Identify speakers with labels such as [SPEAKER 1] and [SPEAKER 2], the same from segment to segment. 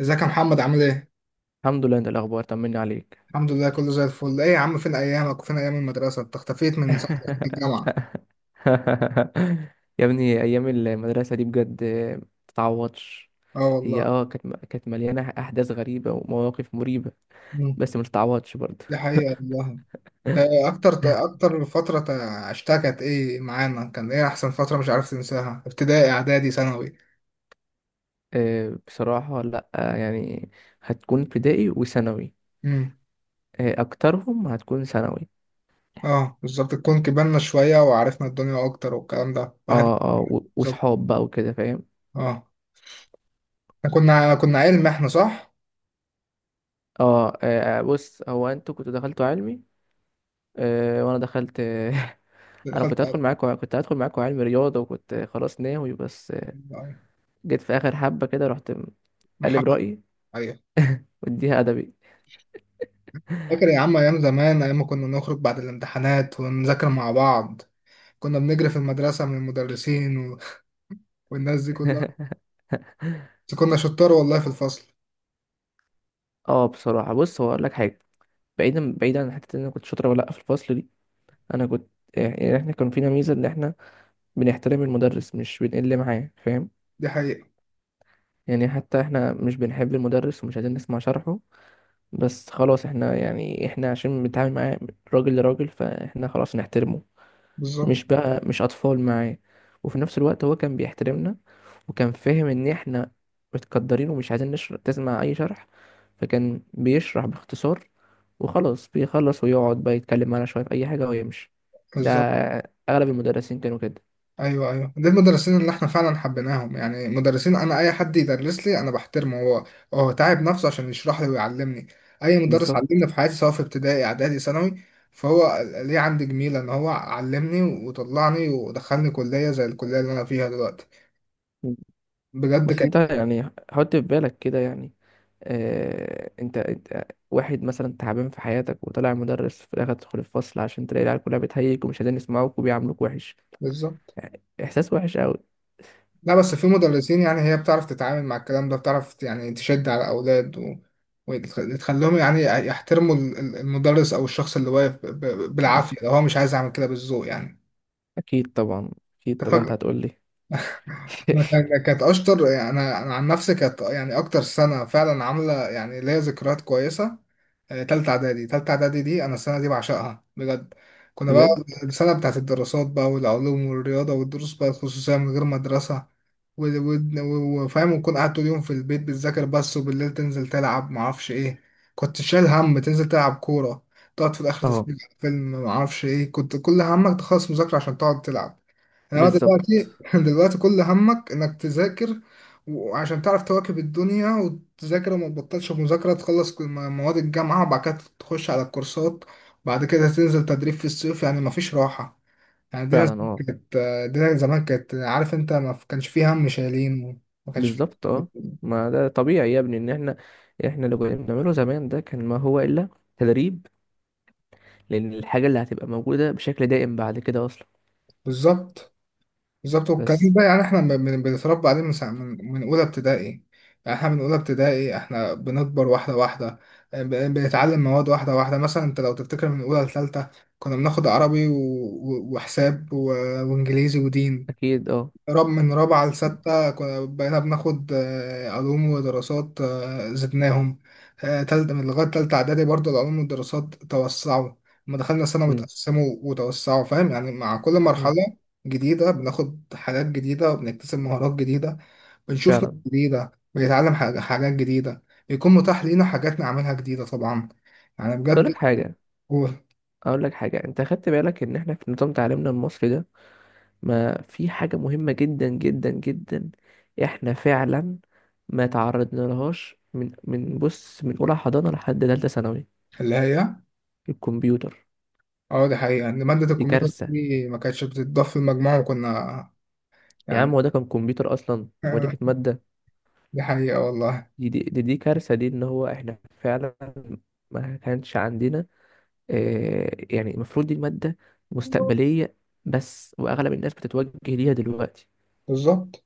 [SPEAKER 1] ازيك يا محمد عامل ايه؟
[SPEAKER 2] الحمد لله. انت الاخبار، طمني عليك.
[SPEAKER 1] الحمد لله كله زي الفل، ايه يا عم فين ايامك وفين ايام المدرسة؟ انت اختفيت من ساعة ما دخلت الجامعة.
[SPEAKER 2] يا ابني، ايام المدرسه دي بجد متتعوضش.
[SPEAKER 1] اه
[SPEAKER 2] هي
[SPEAKER 1] والله.
[SPEAKER 2] كانت مليانه احداث غريبه ومواقف مريبه.
[SPEAKER 1] مم.
[SPEAKER 2] بس ما تتعوضش برضه.
[SPEAKER 1] دي حقيقة والله. اكتر فترة عشتها كانت ايه معانا؟ كان ايه احسن فترة مش عارف تنساها؟ ابتدائي اعدادي ثانوي.
[SPEAKER 2] آه، بصراحه لا، يعني هتكون ابتدائي وثانوي.
[SPEAKER 1] امم
[SPEAKER 2] آه، اكترهم هتكون ثانوي.
[SPEAKER 1] اه بالظبط، تكون كبرنا شوية وعرفنا الدنيا اكتر والكلام ده، واحد
[SPEAKER 2] اه، اه، و-
[SPEAKER 1] بالظبط،
[SPEAKER 2] وصحاب بقى وكده فاهم
[SPEAKER 1] اه. احنا كنا علم احنا صح؟
[SPEAKER 2] اه آه، بص، هو انتوا كنتوا دخلتوا علمي. آه، وانا دخلت. انا كنت
[SPEAKER 1] دخلت
[SPEAKER 2] هدخل معاكم كنت هدخل معاكم علم رياضه، وكنت خلاص ناوي. بس جيت في اخر حبه كده، رحت قلب
[SPEAKER 1] محمد.
[SPEAKER 2] رايي
[SPEAKER 1] أيوه.
[SPEAKER 2] واديها ادبي.
[SPEAKER 1] فاكر يا عم أيام زمان، أيام ما كنا نخرج بعد الامتحانات ونذاكر مع بعض، كنا بنجري في المدرسة من المدرسين و... والناس دي كلها. بس كنا شطار والله في الفصل.
[SPEAKER 2] اه، بصراحه بص، هو اقول لك حاجه. بعيدا بعيدا عن حته ان انا كنت شاطر ولا لا في الفصل دي. انا كنت، يعني احنا كان فينا ميزه ان احنا بنحترم المدرس، مش بنقل معاه، فاهم؟
[SPEAKER 1] دي حقيقة.
[SPEAKER 2] يعني حتى احنا مش بنحب المدرس ومش عايزين نسمع شرحه، بس خلاص احنا، يعني احنا عشان بنتعامل معاه راجل لراجل، فاحنا خلاص نحترمه.
[SPEAKER 1] بالظبط.
[SPEAKER 2] مش بقى، مش اطفال معاه. وفي نفس الوقت هو كان بيحترمنا، وكان فاهم ان احنا متقدرين ومش عايزين تسمع اي شرح. فكان بيشرح باختصار وخلاص، بيخلص ويقعد بقى يتكلم معانا شويه في اي حاجه ويمشي. ده
[SPEAKER 1] بالظبط.
[SPEAKER 2] اغلب المدرسين كانوا كده.
[SPEAKER 1] أيوه، أيوه، دي المدرسين اللي إحنا فعلا حبيناهم، يعني مدرسين، أنا أي حد يدرس لي أنا بحترمه، هو هو تعب نفسه عشان يشرح لي ويعلمني. أي مدرس
[SPEAKER 2] بالظبط.
[SPEAKER 1] علمني في حياتي سواء في ابتدائي إعدادي ثانوي، فهو ليه عندي جميلة إن هو علمني وطلعني ودخلني كلية زي الكلية اللي أنا فيها دلوقتي بجد.
[SPEAKER 2] بس
[SPEAKER 1] كان
[SPEAKER 2] انت يعني حط في بالك كده، يعني انت واحد مثلا تعبان في حياتك، وطلع مدرس في الاخر، تدخل الفصل عشان تلاقي العيال كلها بتهيج ومش عايزين يسمعوك وبيعاملوك وحش.
[SPEAKER 1] بالظبط.
[SPEAKER 2] احساس وحش قوي.
[SPEAKER 1] لا بس في مدرسين، يعني هي بتعرف تتعامل مع الكلام ده، بتعرف يعني تشد على الأولاد و... وتخليهم يعني يحترموا المدرس أو الشخص اللي واقف بالعافية، لو هو مش عايز يعمل كده بالذوق يعني.
[SPEAKER 2] اكيد طبعا، اكيد طبعا انت هتقول لي.
[SPEAKER 1] أنا كانت اشطر، يعني انا عن نفسي كانت يعني اكتر سنه فعلا عامله يعني ليا ذكريات كويسه. آه، تالتة اعدادي، تالتة اعدادي دي انا السنه دي بعشقها بجد. كنا بقى
[SPEAKER 2] بجد،
[SPEAKER 1] السنه بتاعت الدراسات بقى، والعلوم والرياضه، والدروس بقى الخصوصيه من غير مدرسه، وفاهم، وتكون قاعد طول اليوم في البيت بتذاكر بس، وبالليل تنزل تلعب معرفش ايه. كنت شايل هم تنزل تلعب كوره، تقعد في الاخر
[SPEAKER 2] اه،
[SPEAKER 1] تتفرج على فيلم معرفش ايه، كنت كل همك تخلص مذاكره عشان تقعد تلعب. يعني
[SPEAKER 2] بالظبط،
[SPEAKER 1] دلوقتي دلوقتي كل همك انك تذاكر، وعشان تعرف تواكب الدنيا وتذاكر وما تبطلش مذاكرة، تخلص مواد الجامعة، وبعد كده تخش على الكورسات، بعد كده تنزل تدريب في الصيف، يعني مفيش راحة. يعني دينا
[SPEAKER 2] فعلا،
[SPEAKER 1] زمان
[SPEAKER 2] اه،
[SPEAKER 1] كانت، دينا زمان كانت عارف انت ما كانش فيه هم شايلين، وما كانش فيه.
[SPEAKER 2] بالظبط، اه، ما ده طبيعي يا ابني. ان احنا اللي كنا بنعمله زمان، ده كان ما هو الا تدريب. لان الحاجه اللي هتبقى موجوده بشكل دائم بعد كده اصلا.
[SPEAKER 1] بالظبط. بالظبط، والكلام
[SPEAKER 2] بس
[SPEAKER 1] ده يعني احنا بنتربى عليه من ساعة من اولى ابتدائي، يعني احنا من اولى ابتدائي احنا بنكبر واحده واحده. آه، بنتعلم مواد واحده واحده، مثلا انت لو تفتكر من اولى لثالثه كنا بناخد عربي و- وحساب و... وانجليزي ودين.
[SPEAKER 2] اكيد اه،
[SPEAKER 1] رب من رابعة
[SPEAKER 2] م-
[SPEAKER 1] لستة كنا بقينا بناخد، آه، علوم ودراسات، آه، زدناهم. آه، تالتة من لغاية تالتة إعدادي برضه العلوم والدراسات توسعوا. لما دخلنا ثانوي
[SPEAKER 2] م-
[SPEAKER 1] اتقسموا وتوسعوا، فاهم يعني. مع كل
[SPEAKER 2] اه
[SPEAKER 1] مرحلة جديدة بناخد حاجات جديدة، وبنكتسب مهارات جديدة، بنشوف ناس
[SPEAKER 2] فعلا.
[SPEAKER 1] جديدة، بنتعلم حاجات جديدة، بيكون متاح لينا حاجات نعملها جديدة طبعا، يعني
[SPEAKER 2] بس اقول
[SPEAKER 1] بجد.
[SPEAKER 2] لك حاجه
[SPEAKER 1] هو
[SPEAKER 2] اقول لك حاجه انت خدت بالك ان احنا في نظام تعليمنا المصري ده، ما في حاجة مهمة جدا جدا جدا احنا فعلا ما تعرضنا لهاش، من بص، من اولى حضانة لحد تالتة ثانوي:
[SPEAKER 1] اللي هي،
[SPEAKER 2] الكمبيوتر.
[SPEAKER 1] اه دي حقيقة إن مادة
[SPEAKER 2] دي
[SPEAKER 1] الكمبيوتر
[SPEAKER 2] كارثة.
[SPEAKER 1] دي ما كانتش بتتضاف في المجموع وكنا
[SPEAKER 2] يا عم،
[SPEAKER 1] يعني،
[SPEAKER 2] هو ده كان كمبيوتر اصلا؟ ودي
[SPEAKER 1] آه.
[SPEAKER 2] كانت مادة؟
[SPEAKER 1] دي حقيقة والله.
[SPEAKER 2] دي كارثة دي، ان هو احنا فعلا ما كانش عندنا. آه، يعني المفروض دي المادة مستقبلية، بس واغلب الناس بتتوجه ليها دلوقتي.
[SPEAKER 1] بالظبط.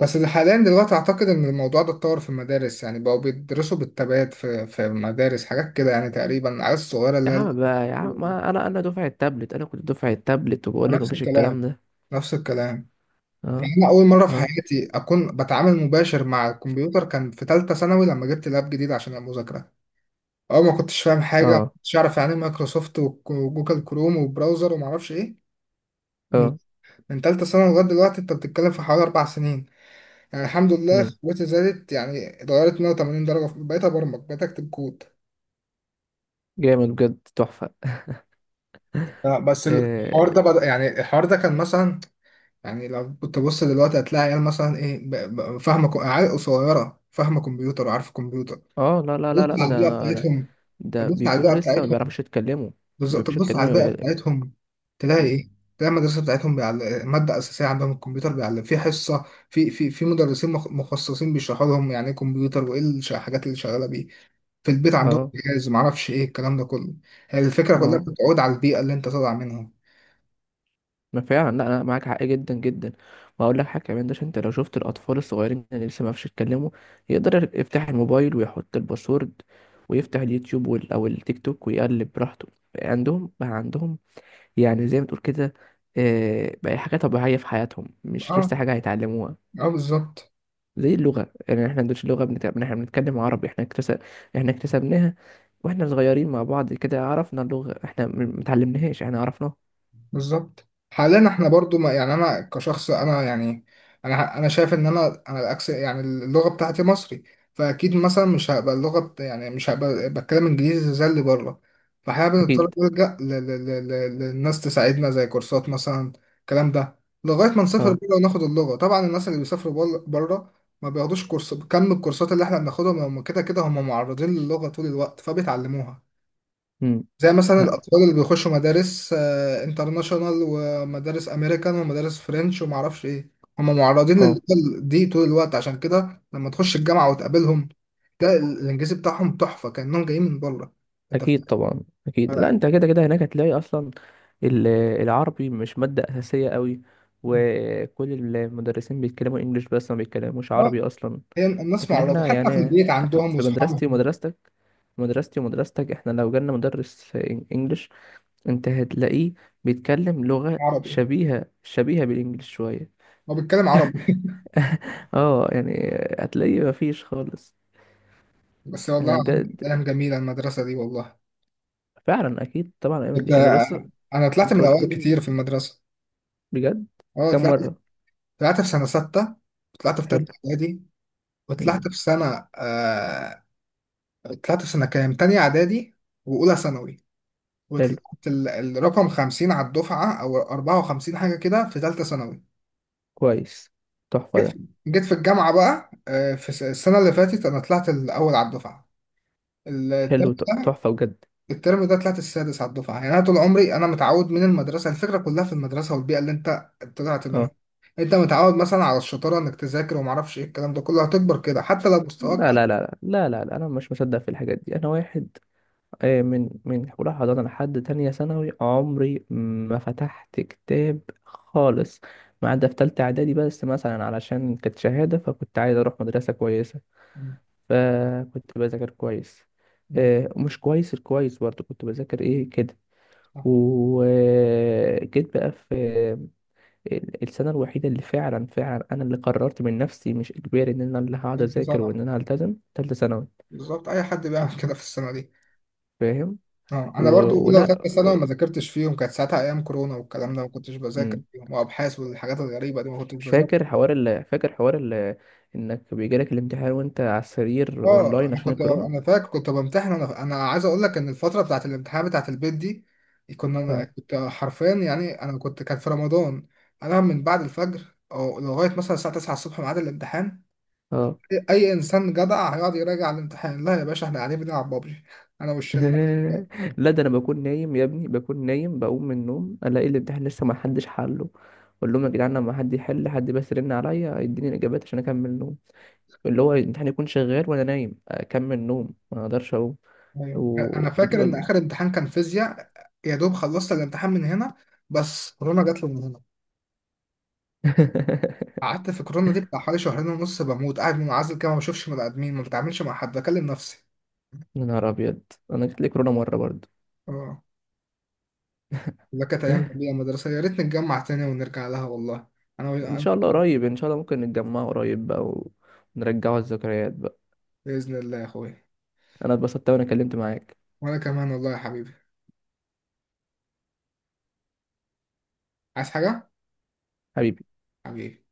[SPEAKER 1] بس ده حاليا دلوقتي أعتقد إن الموضوع ده اتطور في المدارس، يعني بقوا بيدرسوا بالتبادل في مدارس حاجات كده، يعني تقريبا العيال الصغيرة
[SPEAKER 2] يا
[SPEAKER 1] اللي هي
[SPEAKER 2] عم
[SPEAKER 1] الأولى
[SPEAKER 2] بقى، يا عم،
[SPEAKER 1] دي.
[SPEAKER 2] ما انا دفعة تابلت، انا كنت دفعة تابلت، وبقول لك
[SPEAKER 1] نفس
[SPEAKER 2] مفيش
[SPEAKER 1] الكلام،
[SPEAKER 2] الكلام ده.
[SPEAKER 1] نفس الكلام.
[SPEAKER 2] اه،
[SPEAKER 1] يعني أنا أول مرة في
[SPEAKER 2] اه،
[SPEAKER 1] حياتي أكون بتعامل مباشر مع الكمبيوتر كان في تالتة ثانوي لما جبت لاب جديد عشان المذاكرة. أول ما كنتش فاهم حاجة، ما
[SPEAKER 2] اه،
[SPEAKER 1] كنتش أعرف يعني إيه مايكروسوفت وجوجل كروم وبراوزر ومعرفش إيه. من
[SPEAKER 2] اه.
[SPEAKER 1] من تالتة ثانوي لغاية دلوقتي أنت بتتكلم في حوالي 4 سنين، يعني الحمد لله
[SPEAKER 2] مم.
[SPEAKER 1] قوتي زادت، يعني اتغيرت 180 درجة، بقيت أبرمج بقيت أكتب كود.
[SPEAKER 2] جامد بجد، تحفة.
[SPEAKER 1] آه، بس الحوار ده
[SPEAKER 2] اه،
[SPEAKER 1] بدأ، يعني الحوار ده كان مثلا، يعني لو بتبص دلوقتي هتلاقي عيال مثلا إيه فاهمة عيال صغيرة فاهمة كمبيوتر وعارفة كمبيوتر،
[SPEAKER 2] آه، لا لا
[SPEAKER 1] بص
[SPEAKER 2] لا لا لا،
[SPEAKER 1] على البيئة
[SPEAKER 2] ده، ده
[SPEAKER 1] بتاعتهم.
[SPEAKER 2] ده
[SPEAKER 1] تبص على
[SPEAKER 2] بيكونوا
[SPEAKER 1] البيئة
[SPEAKER 2] لسه ما
[SPEAKER 1] بتاعتهم.
[SPEAKER 2] بيعرفوش يتكلموا. ما
[SPEAKER 1] بالظبط،
[SPEAKER 2] بيعرفوش
[SPEAKER 1] تبص
[SPEAKER 2] يتكلموا
[SPEAKER 1] على البيئة
[SPEAKER 2] ي-
[SPEAKER 1] بتاعتهم، تلاقي
[SPEAKER 2] مم.
[SPEAKER 1] إيه؟ تلاقي المدرسة بتاعتهم بيعلم مادة أساسية عندهم الكمبيوتر، بيعلم في حصة، في مدرسين مخصصين بيشرحوا لهم يعني إيه كمبيوتر، وإيه الحاجات اللي شغالة بيه، في البيت عندهم
[SPEAKER 2] اه،
[SPEAKER 1] جهاز معرفش ايه الكلام ده كله. هي الفكرة كلها
[SPEAKER 2] ما
[SPEAKER 1] بتعود على البيئة اللي انت طالع منها.
[SPEAKER 2] ما فعلا، لا لا، معاك حق جدا جدا. واقول لك حاجه كمان، ده عشان انت لو شفت الاطفال الصغيرين اللي لسه ما بيعرفوش يتكلموا، يقدر يفتح الموبايل ويحط الباسورد ويفتح اليوتيوب او التيك توك ويقلب براحته. عندهم بقى، عندهم يعني زي ما تقول كده، آه، بقى حاجه طبيعيه في حياتهم، مش
[SPEAKER 1] اه،
[SPEAKER 2] لسه حاجه هيتعلموها.
[SPEAKER 1] اه بالظبط.
[SPEAKER 2] زي اللغة يعني، احنا ما عندناش لغة بنتعب، احنا بنتكلم عربي. احنا اكتسبناها واحنا صغيرين مع بعض كده. عرفنا اللغة، احنا متعلمناهاش، احنا عرفناها.
[SPEAKER 1] بالظبط، حاليا احنا برضو ما، يعني انا كشخص انا يعني، انا شايف ان انا الاكس، يعني اللغه بتاعتي مصري، فاكيد مثلا مش هبقى اللغه يعني مش هبقى بتكلم انجليزي زي اللي بره، فاحنا بنضطر
[SPEAKER 2] اكيد،
[SPEAKER 1] نلجا للناس تساعدنا زي كورسات مثلا، الكلام ده لغايه ما نسافر
[SPEAKER 2] اه،
[SPEAKER 1] بره وناخد اللغه. طبعا الناس اللي بيسافروا بره ما بياخدوش كورس كم الكورسات اللي احنا بناخدها، ما هم كده كده هم معرضين للغه طول الوقت فبيتعلموها.
[SPEAKER 2] امم،
[SPEAKER 1] زي مثلا
[SPEAKER 2] لا،
[SPEAKER 1] الأطفال اللي بيخشوا مدارس، آه، انترناشونال ومدارس أمريكان ومدارس فرنش ومعرفش إيه، هم معرضين لللغة
[SPEAKER 2] اه،
[SPEAKER 1] دي طول الوقت، عشان كده لما تخش الجامعة وتقابلهم تلاقي الإنجليزي بتاعهم تحفة كأنهم جايين من بره. أنت
[SPEAKER 2] اكيد
[SPEAKER 1] فاهم؟
[SPEAKER 2] طبعا. اكيد، لا
[SPEAKER 1] آه.
[SPEAKER 2] انت كده كده هناك هتلاقي اصلا ال- العربي مش مادة اساسية قوي، وكل المدرسين بيتكلموا انجليش، بس ما بيتكلموش
[SPEAKER 1] آه،
[SPEAKER 2] عربي اصلا.
[SPEAKER 1] هي الناس
[SPEAKER 2] لكن
[SPEAKER 1] معرضة
[SPEAKER 2] احنا
[SPEAKER 1] حتى في
[SPEAKER 2] يعني،
[SPEAKER 1] البيت عندهم
[SPEAKER 2] في مدرستي
[SPEAKER 1] وأصحابهم.
[SPEAKER 2] ومدرستك، مدرستي ومدرستك، احنا لو جالنا مدرس انجليش، انت هتلاقيه بيتكلم لغة
[SPEAKER 1] عربي.
[SPEAKER 2] شبيهة، شبيهة بالانجليش شوية.
[SPEAKER 1] هو بيتكلم عربي.
[SPEAKER 2] اه يعني، هتلاقيه مفيش خالص.
[SPEAKER 1] بس والله
[SPEAKER 2] انا
[SPEAKER 1] العظيم كانت
[SPEAKER 2] بجد،
[SPEAKER 1] أيام جميلة المدرسة دي والله.
[SPEAKER 2] فعلا اكيد طبعا، أيام ده
[SPEAKER 1] آه،
[SPEAKER 2] بس.
[SPEAKER 1] أنا طلعت
[SPEAKER 2] انت
[SPEAKER 1] من
[SPEAKER 2] قلت
[SPEAKER 1] الأوائل
[SPEAKER 2] لي
[SPEAKER 1] كتير في المدرسة.
[SPEAKER 2] بجد
[SPEAKER 1] أه
[SPEAKER 2] كم
[SPEAKER 1] طلعت،
[SPEAKER 2] مرة.
[SPEAKER 1] طلعت في سنة ستة، طلعت في
[SPEAKER 2] حلو.
[SPEAKER 1] تالتة إعدادي،
[SPEAKER 2] مم.
[SPEAKER 1] وطلعت في سنة، طلعت في سنة كام، تانية إعدادي وأولى ثانوي،
[SPEAKER 2] حلو.
[SPEAKER 1] وطلعت الرقم 50 على الدفعة أو 54 حاجة كده في تالتة ثانوي.
[SPEAKER 2] كويس، تحفة
[SPEAKER 1] جيت في
[SPEAKER 2] ده.
[SPEAKER 1] جيت في الجامعة بقى، آه، في السنة اللي فاتت أنا طلعت الأول على الدفعة. الترم
[SPEAKER 2] حلو،
[SPEAKER 1] ده،
[SPEAKER 2] تحفة بجد.
[SPEAKER 1] الترم ده طلعت السادس على الدفعة، يعني أنا طول عمري أنا متعود من المدرسة، الفكرة كلها في المدرسة والبيئة اللي أنت طلعت
[SPEAKER 2] اه،
[SPEAKER 1] منها، أنت متعود مثلا على الشطارة إنك تذاكر ومعرفش إيه الكلام ده كله، هتكبر كده حتى لو مستواك
[SPEAKER 2] لا
[SPEAKER 1] أقل.
[SPEAKER 2] لا لا لا لا لا لا، انا مش مصدق في الحاجات دي. انا واحد، آه، من أولى حضانة لحد تانية ثانوي عمري ما فتحت كتاب خالص، ما عدا في تالتة إعدادي بس، مثلا علشان كانت شهادة فكنت عايز أروح مدرسة كويسة،
[SPEAKER 1] م-
[SPEAKER 2] فكنت بذاكر كويس.
[SPEAKER 1] م-
[SPEAKER 2] آه، مش كويس الكويس، برضه كنت بذاكر إيه كده.
[SPEAKER 1] صح.
[SPEAKER 2] وجيت بقى في السنة الوحيدة اللي فعلا فعلا أنا اللي قررت من نفسي، مش إجباري، إن أنا اللي هقعد
[SPEAKER 1] تالتة
[SPEAKER 2] أذاكر،
[SPEAKER 1] ثانوي،
[SPEAKER 2] وإن أنا هلتزم، تالتة ثانوي.
[SPEAKER 1] بالظبط اي حد بيعمل كده في السنه دي.
[SPEAKER 2] فاهم؟
[SPEAKER 1] اه
[SPEAKER 2] و...
[SPEAKER 1] انا برضو اولى
[SPEAKER 2] ولا.
[SPEAKER 1] وثانيه ثانوي ما ذاكرتش فيهم، كانت ساعتها ايام كورونا والكلام ده، ما كنتش بذاكر
[SPEAKER 2] مم.
[SPEAKER 1] فيهم، وابحاث والحاجات الغريبه دي ما كنتش بذاكر.
[SPEAKER 2] فاكر حوار ال... فاكر حوار ال... انك بيجيلك الامتحان وانت على السرير
[SPEAKER 1] اه،
[SPEAKER 2] اونلاين
[SPEAKER 1] انا
[SPEAKER 2] عشان
[SPEAKER 1] كنت،
[SPEAKER 2] الكورونا؟
[SPEAKER 1] انا فاكر كنت بمتحن، انا عايز اقول لك ان الفتره بتاعت الامتحان بتاعت البيت دي
[SPEAKER 2] اه،
[SPEAKER 1] كنت حرفيا، يعني انا كنت كان في رمضان، انا من بعد الفجر او لغايه مثلا الساعه 9 الصبح ميعاد الامتحان،
[SPEAKER 2] اه.
[SPEAKER 1] اي إنسان جدع هيقعد يراجع الامتحان؟ لا يا باشا، احنا قاعدين بنلعب بابجي، انا والشله.
[SPEAKER 2] لا ده انا بكون نايم يا ابني، بكون نايم، بقوم من النوم الاقي الامتحان لسه ما حدش حله. اقول لهم يا جدعان، لما حد يحل، حد بس يرن عليا يديني الاجابات عشان اكمل نوم. اللي هو الامتحان يكون شغال وانا نايم، اكمل نوم ما اقدرش اقوم.
[SPEAKER 1] أيوة. انا
[SPEAKER 2] و.
[SPEAKER 1] فاكر ان اخر امتحان كان فيزياء، يا دوب خلصت الامتحان من هنا، بس كورونا جات لي من هنا، قعدت في كورونا دي بتاع حوالي شهرين ونص بموت قاعد منعزل كده، ما بشوفش بني ادمين ما بتعاملش مع حد بكلم نفسي.
[SPEAKER 2] يا نهار ابيض، انا جات لي كورونا مره برضه.
[SPEAKER 1] اه. لا كانت ايام جميله مدرسه، يا ريت نتجمع تاني ونرجع لها والله.
[SPEAKER 2] ان
[SPEAKER 1] انا
[SPEAKER 2] شاء الله قريب،
[SPEAKER 1] أنا-
[SPEAKER 2] ان شاء الله ممكن نتجمع قريب بقى، ونرجعوا الذكريات بقى.
[SPEAKER 1] باذن الله يا اخويا.
[SPEAKER 2] انا اتبسطت وانا كلمت معاك.
[SPEAKER 1] وانا كمان والله يا حبيبي. عايز حاجه؟
[SPEAKER 2] حبيبي.
[SPEAKER 1] حبيبي.